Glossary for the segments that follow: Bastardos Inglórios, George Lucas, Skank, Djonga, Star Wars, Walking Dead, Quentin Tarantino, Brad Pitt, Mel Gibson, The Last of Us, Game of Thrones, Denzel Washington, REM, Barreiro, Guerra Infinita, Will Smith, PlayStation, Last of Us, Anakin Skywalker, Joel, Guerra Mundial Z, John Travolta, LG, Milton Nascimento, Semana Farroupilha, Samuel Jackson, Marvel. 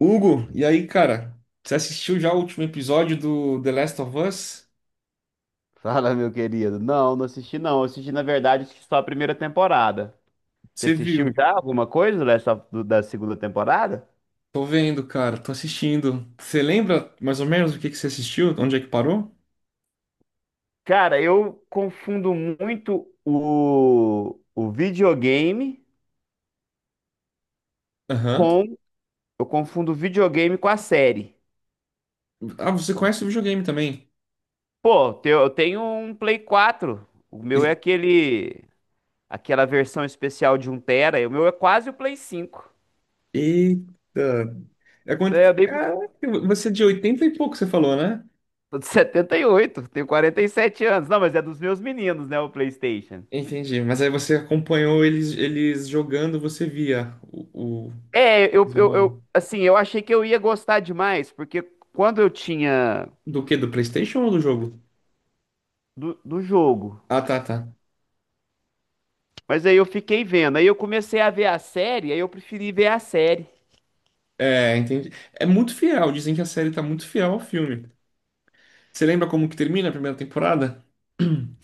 Hugo, e aí, cara? Você assistiu já o último episódio do The Last of Us? Fala, meu querido. Não, não assisti não. Eu assisti, na verdade, assisti só a primeira temporada. Você Você assistiu viu? já alguma coisa dessa, da segunda temporada? Tô vendo, cara, tô assistindo. Você lembra mais ou menos o que você assistiu? Onde é que parou? Cara, eu confundo muito o videogame Aham. com... Eu confundo o videogame com a série. Ah, você conhece o videogame também? Pô, eu tenho um Play 4. O meu é E- aquele... Aquela versão especial de um tera. E o meu é quase o Play 5, Eita! É quando... né? Caraca, você é de 80 e pouco, você falou, né? Tô de 78, tenho 47 anos. Não, mas é dos meus meninos, né, o PlayStation. Entendi, mas aí você acompanhou eles jogando, você via É, Desenrolar. Assim, eu achei que eu ia gostar demais, porque quando eu tinha Do quê? Do PlayStation ou do jogo? do jogo, Ah, tá, tá. mas aí eu fiquei vendo, aí eu comecei a ver a série, aí eu preferi ver a série. É, entendi. É muito fiel, dizem que a série tá muito fiel ao filme. Você lembra como que termina a primeira temporada?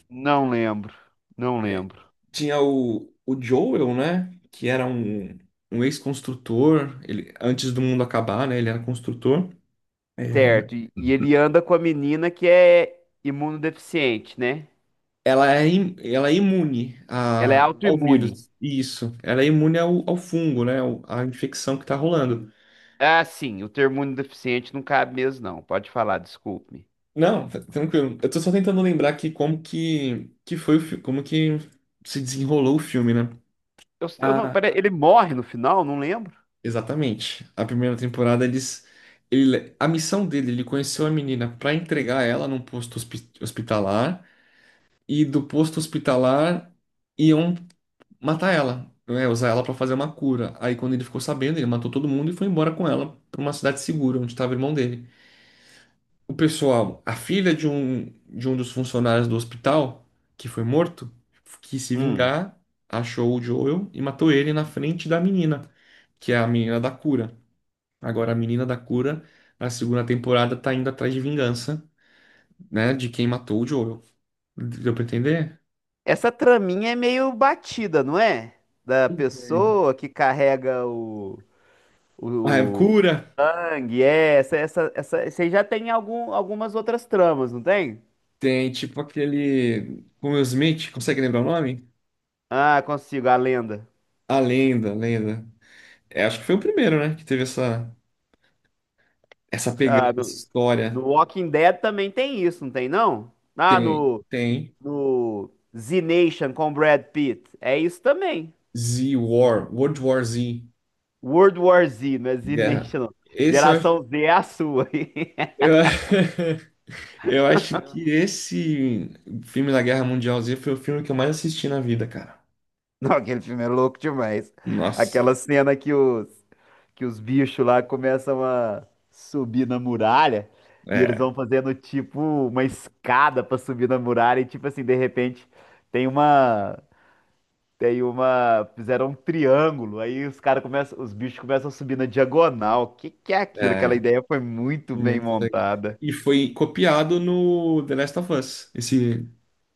Não lembro, não lembro. Tinha o Joel, né? Que era um ex-construtor, ele, antes do mundo acabar, né? Ele era construtor. É. Certo, e ele anda com a menina que é imunodeficiente, né? Ela é, ela é imune Ela é ao autoimune. vírus. Isso. Ela é imune ao fungo, né? À infecção que tá rolando. Ah, sim, o termo imunodeficiente não cabe mesmo, não. Pode falar, desculpe-me. Não, tá tranquilo. Eu tô só tentando lembrar aqui como que foi o como que se desenrolou o filme, né? Eu não, pera, ele morre no final, não lembro. Exatamente. A primeira temporada eles ele a missão dele, ele conheceu a menina para entregar ela num posto hospitalar, e do posto hospitalar iam matar ela, né, usar ela para fazer uma cura. Aí quando ele ficou sabendo, ele matou todo mundo e foi embora com ela para uma cidade segura onde estava o irmão dele. O pessoal, a filha de um dos funcionários do hospital que foi morto quis se vingar, achou o Joel e matou ele na frente da menina, que é a menina da cura. Agora, a Menina da Cura, na segunda temporada, tá indo atrás de vingança, né? De quem matou o Joel. Deu pra entender? Essa traminha é meio batida, não é? Da Entendi. pessoa que carrega o, A o cura sangue, é, essa, você já tem algumas outras tramas, não tem? tem, tipo, aquele... Como Will Smith, consegue lembrar o nome? Ah, consigo, a lenda. A Lenda, a Lenda. É, acho que foi o primeiro, né? Que teve essa pegada, Ah, essa no história. Walking Dead também tem isso, não tem não? Ah, Tem, tem. no Z Nation com Brad Pitt, é isso também. Z War, World War Z, World War Z, não é Z Guerra. Nation, não. Esse eu acho... Geração Z é a sua. Eu, eu acho que esse filme da Guerra Mundial Z foi o filme que eu mais assisti na vida, cara. Não, aquele filme é louco demais. Nossa, Aquela cena que os bichos lá começam a subir na muralha e eles é, vão fazendo tipo uma escada pra subir na muralha e tipo assim, de repente tem uma tem uma fizeram um triângulo, aí os caras começam, os bichos começam a subir na diagonal. Que é aquilo? Aquela é ideia foi muito bem muito legal. montada. E foi copiado no The Last of Us, esse,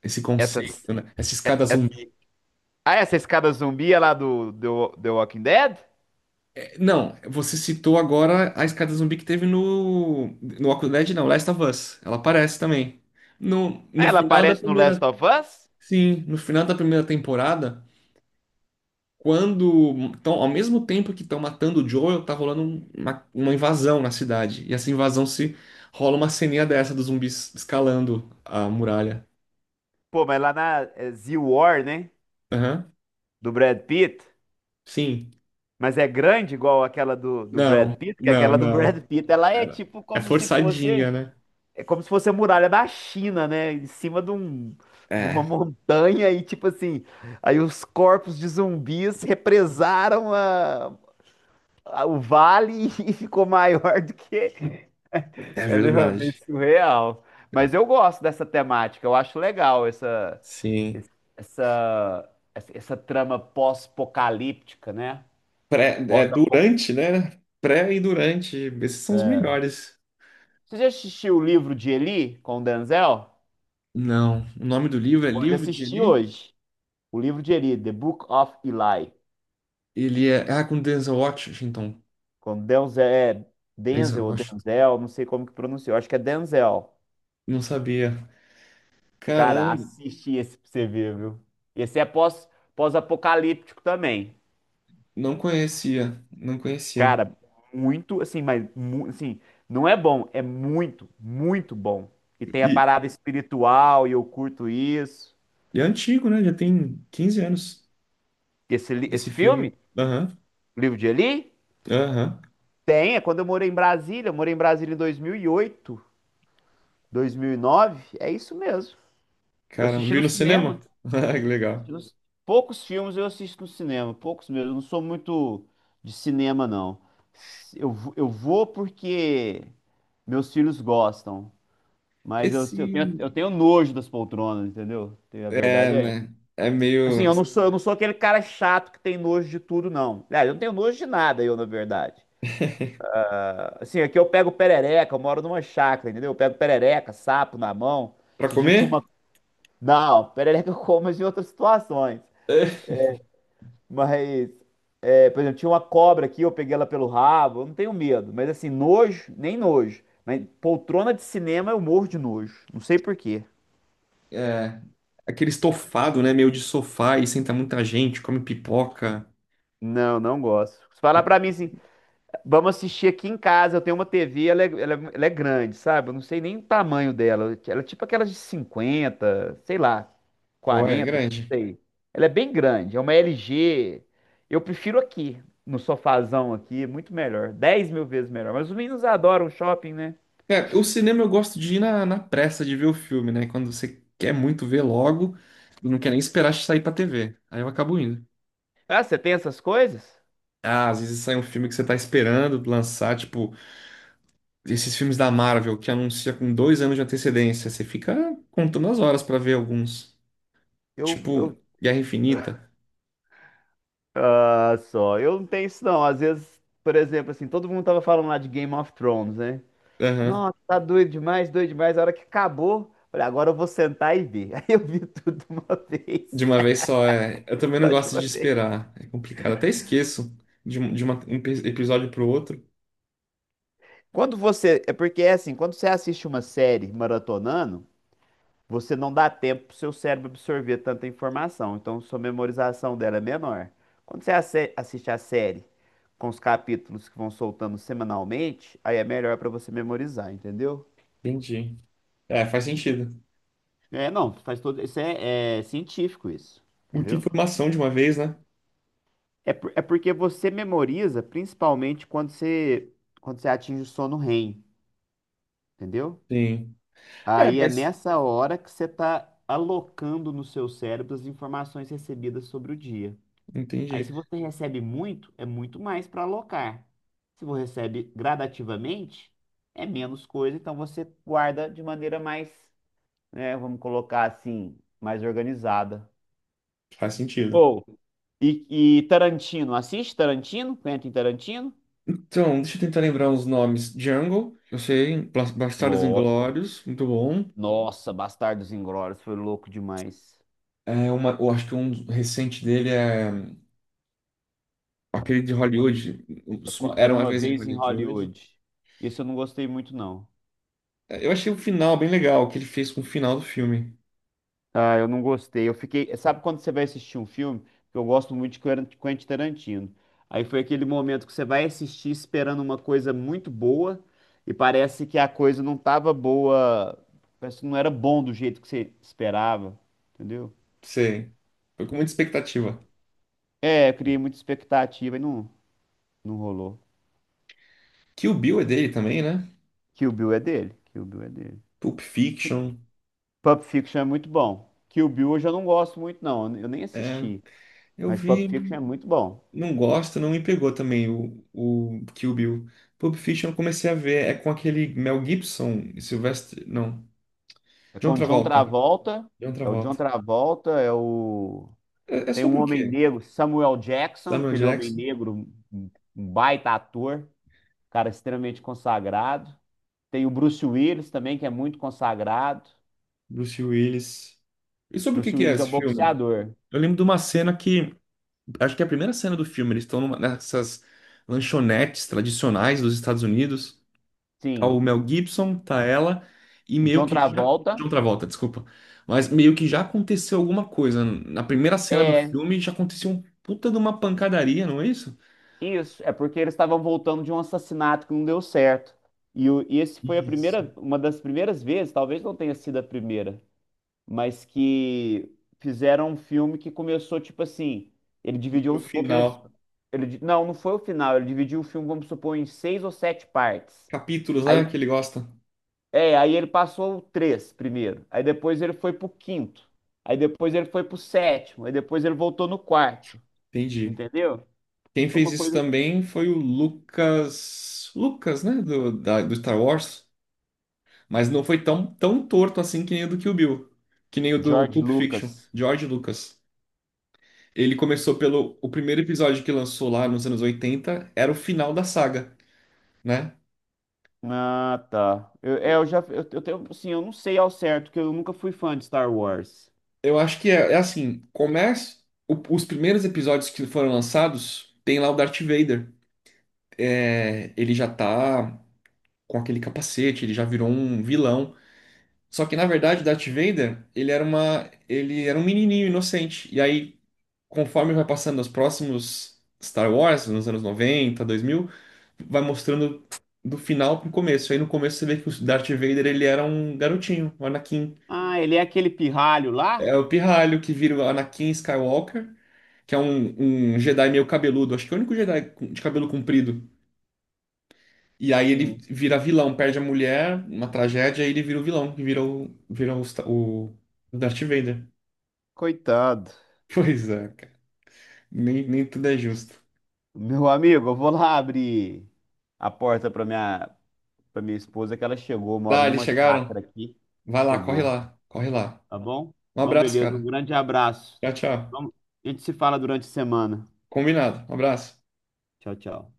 esse Essas conceito, né? Essa escada essa, zumbi. ah, essa escada zumbi é lá do The Walking Dead? É. Não, você citou agora a escada zumbi que teve no Walking Dead, não, Last of Us. Ela aparece também. No, Ah, no ela final da aparece no Last primeira, of Us? sim, no final da primeira temporada. Quando, tão, ao mesmo tempo que estão matando o Joel, tá rolando uma invasão na cidade. E essa invasão se rola uma ceninha dessa dos zumbis escalando a muralha. Pô, mas lá na é, Z-War, né? Aham. Do Brad Pitt. Sim. Mas é grande igual aquela do Brad Não, Pitt, que não, aquela do Brad não. Pitt, ela é tipo É, é como se fosse, forçadinha, né? é como se fosse a muralha da China, né? Em cima de um, de uma É, montanha e tipo assim, aí os corpos de zumbis represaram o vale e ficou maior do que, é entendeu? É bem verdade. surreal. Mas eu gosto dessa temática, eu acho legal Sim. essa essa trama pós-apocalíptica, né? Pré, é Pós-apocalíptica. durante, né? Pré e durante. Esses são os melhores. Você já assistiu o livro de Eli com o Denzel? Não. O nome do livro é Pode Livro de assistir Eli? hoje. O livro de Eli, The Book of Eli. Ele é. Ah, com Denzel Washington. Com Denzel, é Denzel Denzel ou Washington. Denzel, não sei como que pronunciou. Acho que é Denzel. Não sabia. Cara, Caramba. assiste esse pra você ver, viu? Esse é pós-apocalíptico também. Não conhecia, não conhecia. Cara, muito, assim, não é bom, é muito, muito bom. E tem a E, parada espiritual, e eu curto isso. e é antigo, né? Já tem 15 anos Esse, esse esse filme. filme? Aham, O livro de Eli? aham. Tem, é quando eu morei em Brasília, eu morei em Brasília em 2008, 2009, é isso mesmo. Eu Caramba, assisti viu no no cinema, cinema? Ah, que legal. assisti nos- poucos filmes eu assisto no cinema, poucos mesmo, eu não sou muito de cinema não. Eu vou porque meus filhos gostam, mas Esse eu tenho nojo das poltronas, entendeu? A é, verdade é essa. né? É Assim, meio. Eu não sou aquele cara chato que tem nojo de tudo, não. Aliás, eu não tenho nojo de nada, eu, na verdade. Assim, aqui eu pego perereca, eu moro numa chácara, entendeu? Eu pego perereca, sapo na mão. Pra Esse dia tinha uma. comer? Não, perereca eu como mas em outras situações. Mas, é, por exemplo, tinha uma cobra aqui, eu peguei ela pelo rabo, eu não tenho medo. Mas assim, nojo, nem nojo. Mas poltrona de cinema eu morro de nojo. Não sei por quê. É, é, aquele estofado, né? Meio de sofá e senta muita gente, come pipoca. Não, não gosto. Se falar pra mim assim, vamos assistir aqui em casa. Eu tenho uma TV, ela é grande, sabe? Eu não sei nem o tamanho dela. Ela é tipo aquelas de 50, sei lá, Pô, é 40, não grande. sei. Ela é bem grande, é uma LG. Eu prefiro aqui, no sofazão aqui, muito melhor, 10.000 vezes melhor. Mas os meninos adoram shopping, né? É, o cinema eu gosto de ir na pressa de ver o filme, né? Quando você quer muito ver logo, não quer nem esperar sair pra TV. Aí eu acabo indo. Ah, você tem essas coisas? Ah, às vezes sai um filme que você tá esperando lançar, tipo, esses filmes da Marvel que anuncia com dois anos de antecedência. Você fica contando as horas pra ver alguns. Tipo, Eu... Guerra Infinita. Ah, só. Eu não tenho isso, não. Às vezes, por exemplo, assim, todo mundo tava falando lá de Game of Thrones, né? Aham. Nossa, tá doido demais, doido demais. A hora que acabou, falei, agora eu vou sentar e ver. Aí eu vi tudo de uma De vez, uma vez só, é. Eu também não só de gosto uma de vez. esperar. É complicado. Até esqueço de, episódio pro outro. Quando você, é porque é assim, quando você assiste uma série maratonando, você não dá tempo pro seu cérebro absorver tanta informação, então sua memorização dela é menor. Quando você assiste a série com os capítulos que vão soltando semanalmente, aí é melhor pra você memorizar, entendeu? Entendi. É, faz sentido. É, não, faz todo, isso é científico isso, Muita entendeu? informação de uma vez, né? É, é porque você memoriza, principalmente quando você atinge o sono REM, entendeu? Sim. É, Aí é mas nessa hora que você está alocando no seu cérebro as informações recebidas sobre o dia. Aí, entendi. se você recebe muito, é muito mais para alocar. Se você recebe gradativamente, é menos coisa, então você guarda de maneira mais, né, vamos colocar assim, mais organizada. Faz sentido. Ou, e, e Tarantino, assiste Tarantino? Quentin Tarantino? Então, deixa eu tentar lembrar os nomes. Jungle, eu sei. Bastardos Nossa. Inglórios, muito bom. Nossa, Bastardos Inglórios foi louco demais. É uma, eu acho que um recente dele é aquele de Hollywood. Era Era uma uma vez em vez em Hollywood. Hollywood. Isso eu não gostei muito, não. É, eu achei o final bem legal, o que ele fez com o final do filme. Ah, eu não gostei. Eu fiquei. Sabe quando você vai assistir um filme? Que eu gosto muito de Quentin Tarantino. Aí foi aquele momento que você vai assistir esperando uma coisa muito boa e parece que a coisa não tava boa. Parece que não era bom do jeito que você esperava. Entendeu? Sei. Foi com muita expectativa. É, eu criei muita expectativa e não, não rolou. Kill Bill é dele também, né? Kill Bill é dele. Kill Bill é dele. Pulp Fiction. Pulp Fiction é muito bom. Kill Bill eu já não gosto muito, não. Eu nem É, assisti. eu Mas Pulp vi, Fiction é muito bom. não gosto, não me pegou também o Kill Bill. Pulp Fiction eu comecei a ver, é com aquele Mel Gibson e Sylvester. Não, É John com o John Travolta. Travolta. John É o John Travolta. Travolta, é o. É, é Tem um sobre o homem quê? negro, Samuel Jackson, Samuel aquele homem Jackson, negro, um baita ator, cara extremamente consagrado. Tem o Bruce Willis também, que é muito consagrado. Bruce Willis. E sobre o que Bruce que é Willis é o esse filme? boxeador. Eu lembro de uma cena que. Acho que é a primeira cena do filme. Eles estão nessas lanchonetes tradicionais dos Estados Unidos. Tá o Sim. Mel Gibson, tá ela. E O meio John que já. Travolta. John Travolta, desculpa. Mas meio que já aconteceu alguma coisa. Na primeira cena do É filme já aconteceu um puta de uma pancadaria, não é isso? isso, é porque eles estavam voltando de um assassinato que não deu certo. E, o, e esse foi a Isso. primeira, uma das primeiras vezes, talvez não tenha sido a primeira, mas que fizeram um filme que começou tipo assim, ele dividiu, No vamos supor que ele, final. ele, di- não, não foi o final, ele dividiu o filme, vamos supor, em 6 ou 7 partes. Capítulos, né? Aí, Que ele gosta. é, aí ele passou o três primeiro, aí depois ele foi pro quinto, aí depois ele foi pro sétimo, aí depois ele voltou no quarto, Entendi. entendeu? Quem Foi fez uma isso coisa... também foi o Lucas. Lucas, né? Do, do Star Wars. Mas não foi tão, tão torto assim que nem o do Kill Bill. Que nem o do George Pulp Fiction. Lucas. George Lucas. Ele começou pelo. O primeiro episódio que lançou lá nos anos 80, era o final da saga, né? Ah, tá. Eu, é, eu já. Eu tenho. Assim, eu não sei ao certo, que eu nunca fui fã de Star Wars. Eu acho que é, é assim: começa. Os primeiros episódios que foram lançados, tem lá o Darth Vader. É, ele já tá com aquele capacete, ele já virou um vilão. Só que na verdade Darth Vader, ele era uma, ele era um menininho inocente. E aí, conforme vai passando os próximos Star Wars, nos anos 90, 2000, vai mostrando do final pro começo. Aí no começo você vê que o Darth Vader, ele era um garotinho, um Anakin. Ah, ele é aquele pirralho É lá? o pirralho que vira o Anakin Skywalker, que é um Jedi meio cabeludo, acho que é o único Jedi de cabelo comprido. E aí ele Sim. vira vilão, perde a mulher, uma tragédia, e ele vira o vilão, que vira o Darth Vader. Coitado. Pois é. Nem, nem tudo é justo. Meu amigo, eu vou lá abrir a porta para minha esposa, que ela chegou. Eu moro Dá, eles numa chegaram? chácara aqui. Vai lá, corre Chegou, lá, corre lá. tá bom? Um Então, abraço, beleza, um cara. grande abraço. Tchau, tchau. Vamos- a gente se fala durante a semana. Combinado. Um abraço. Tchau, tchau.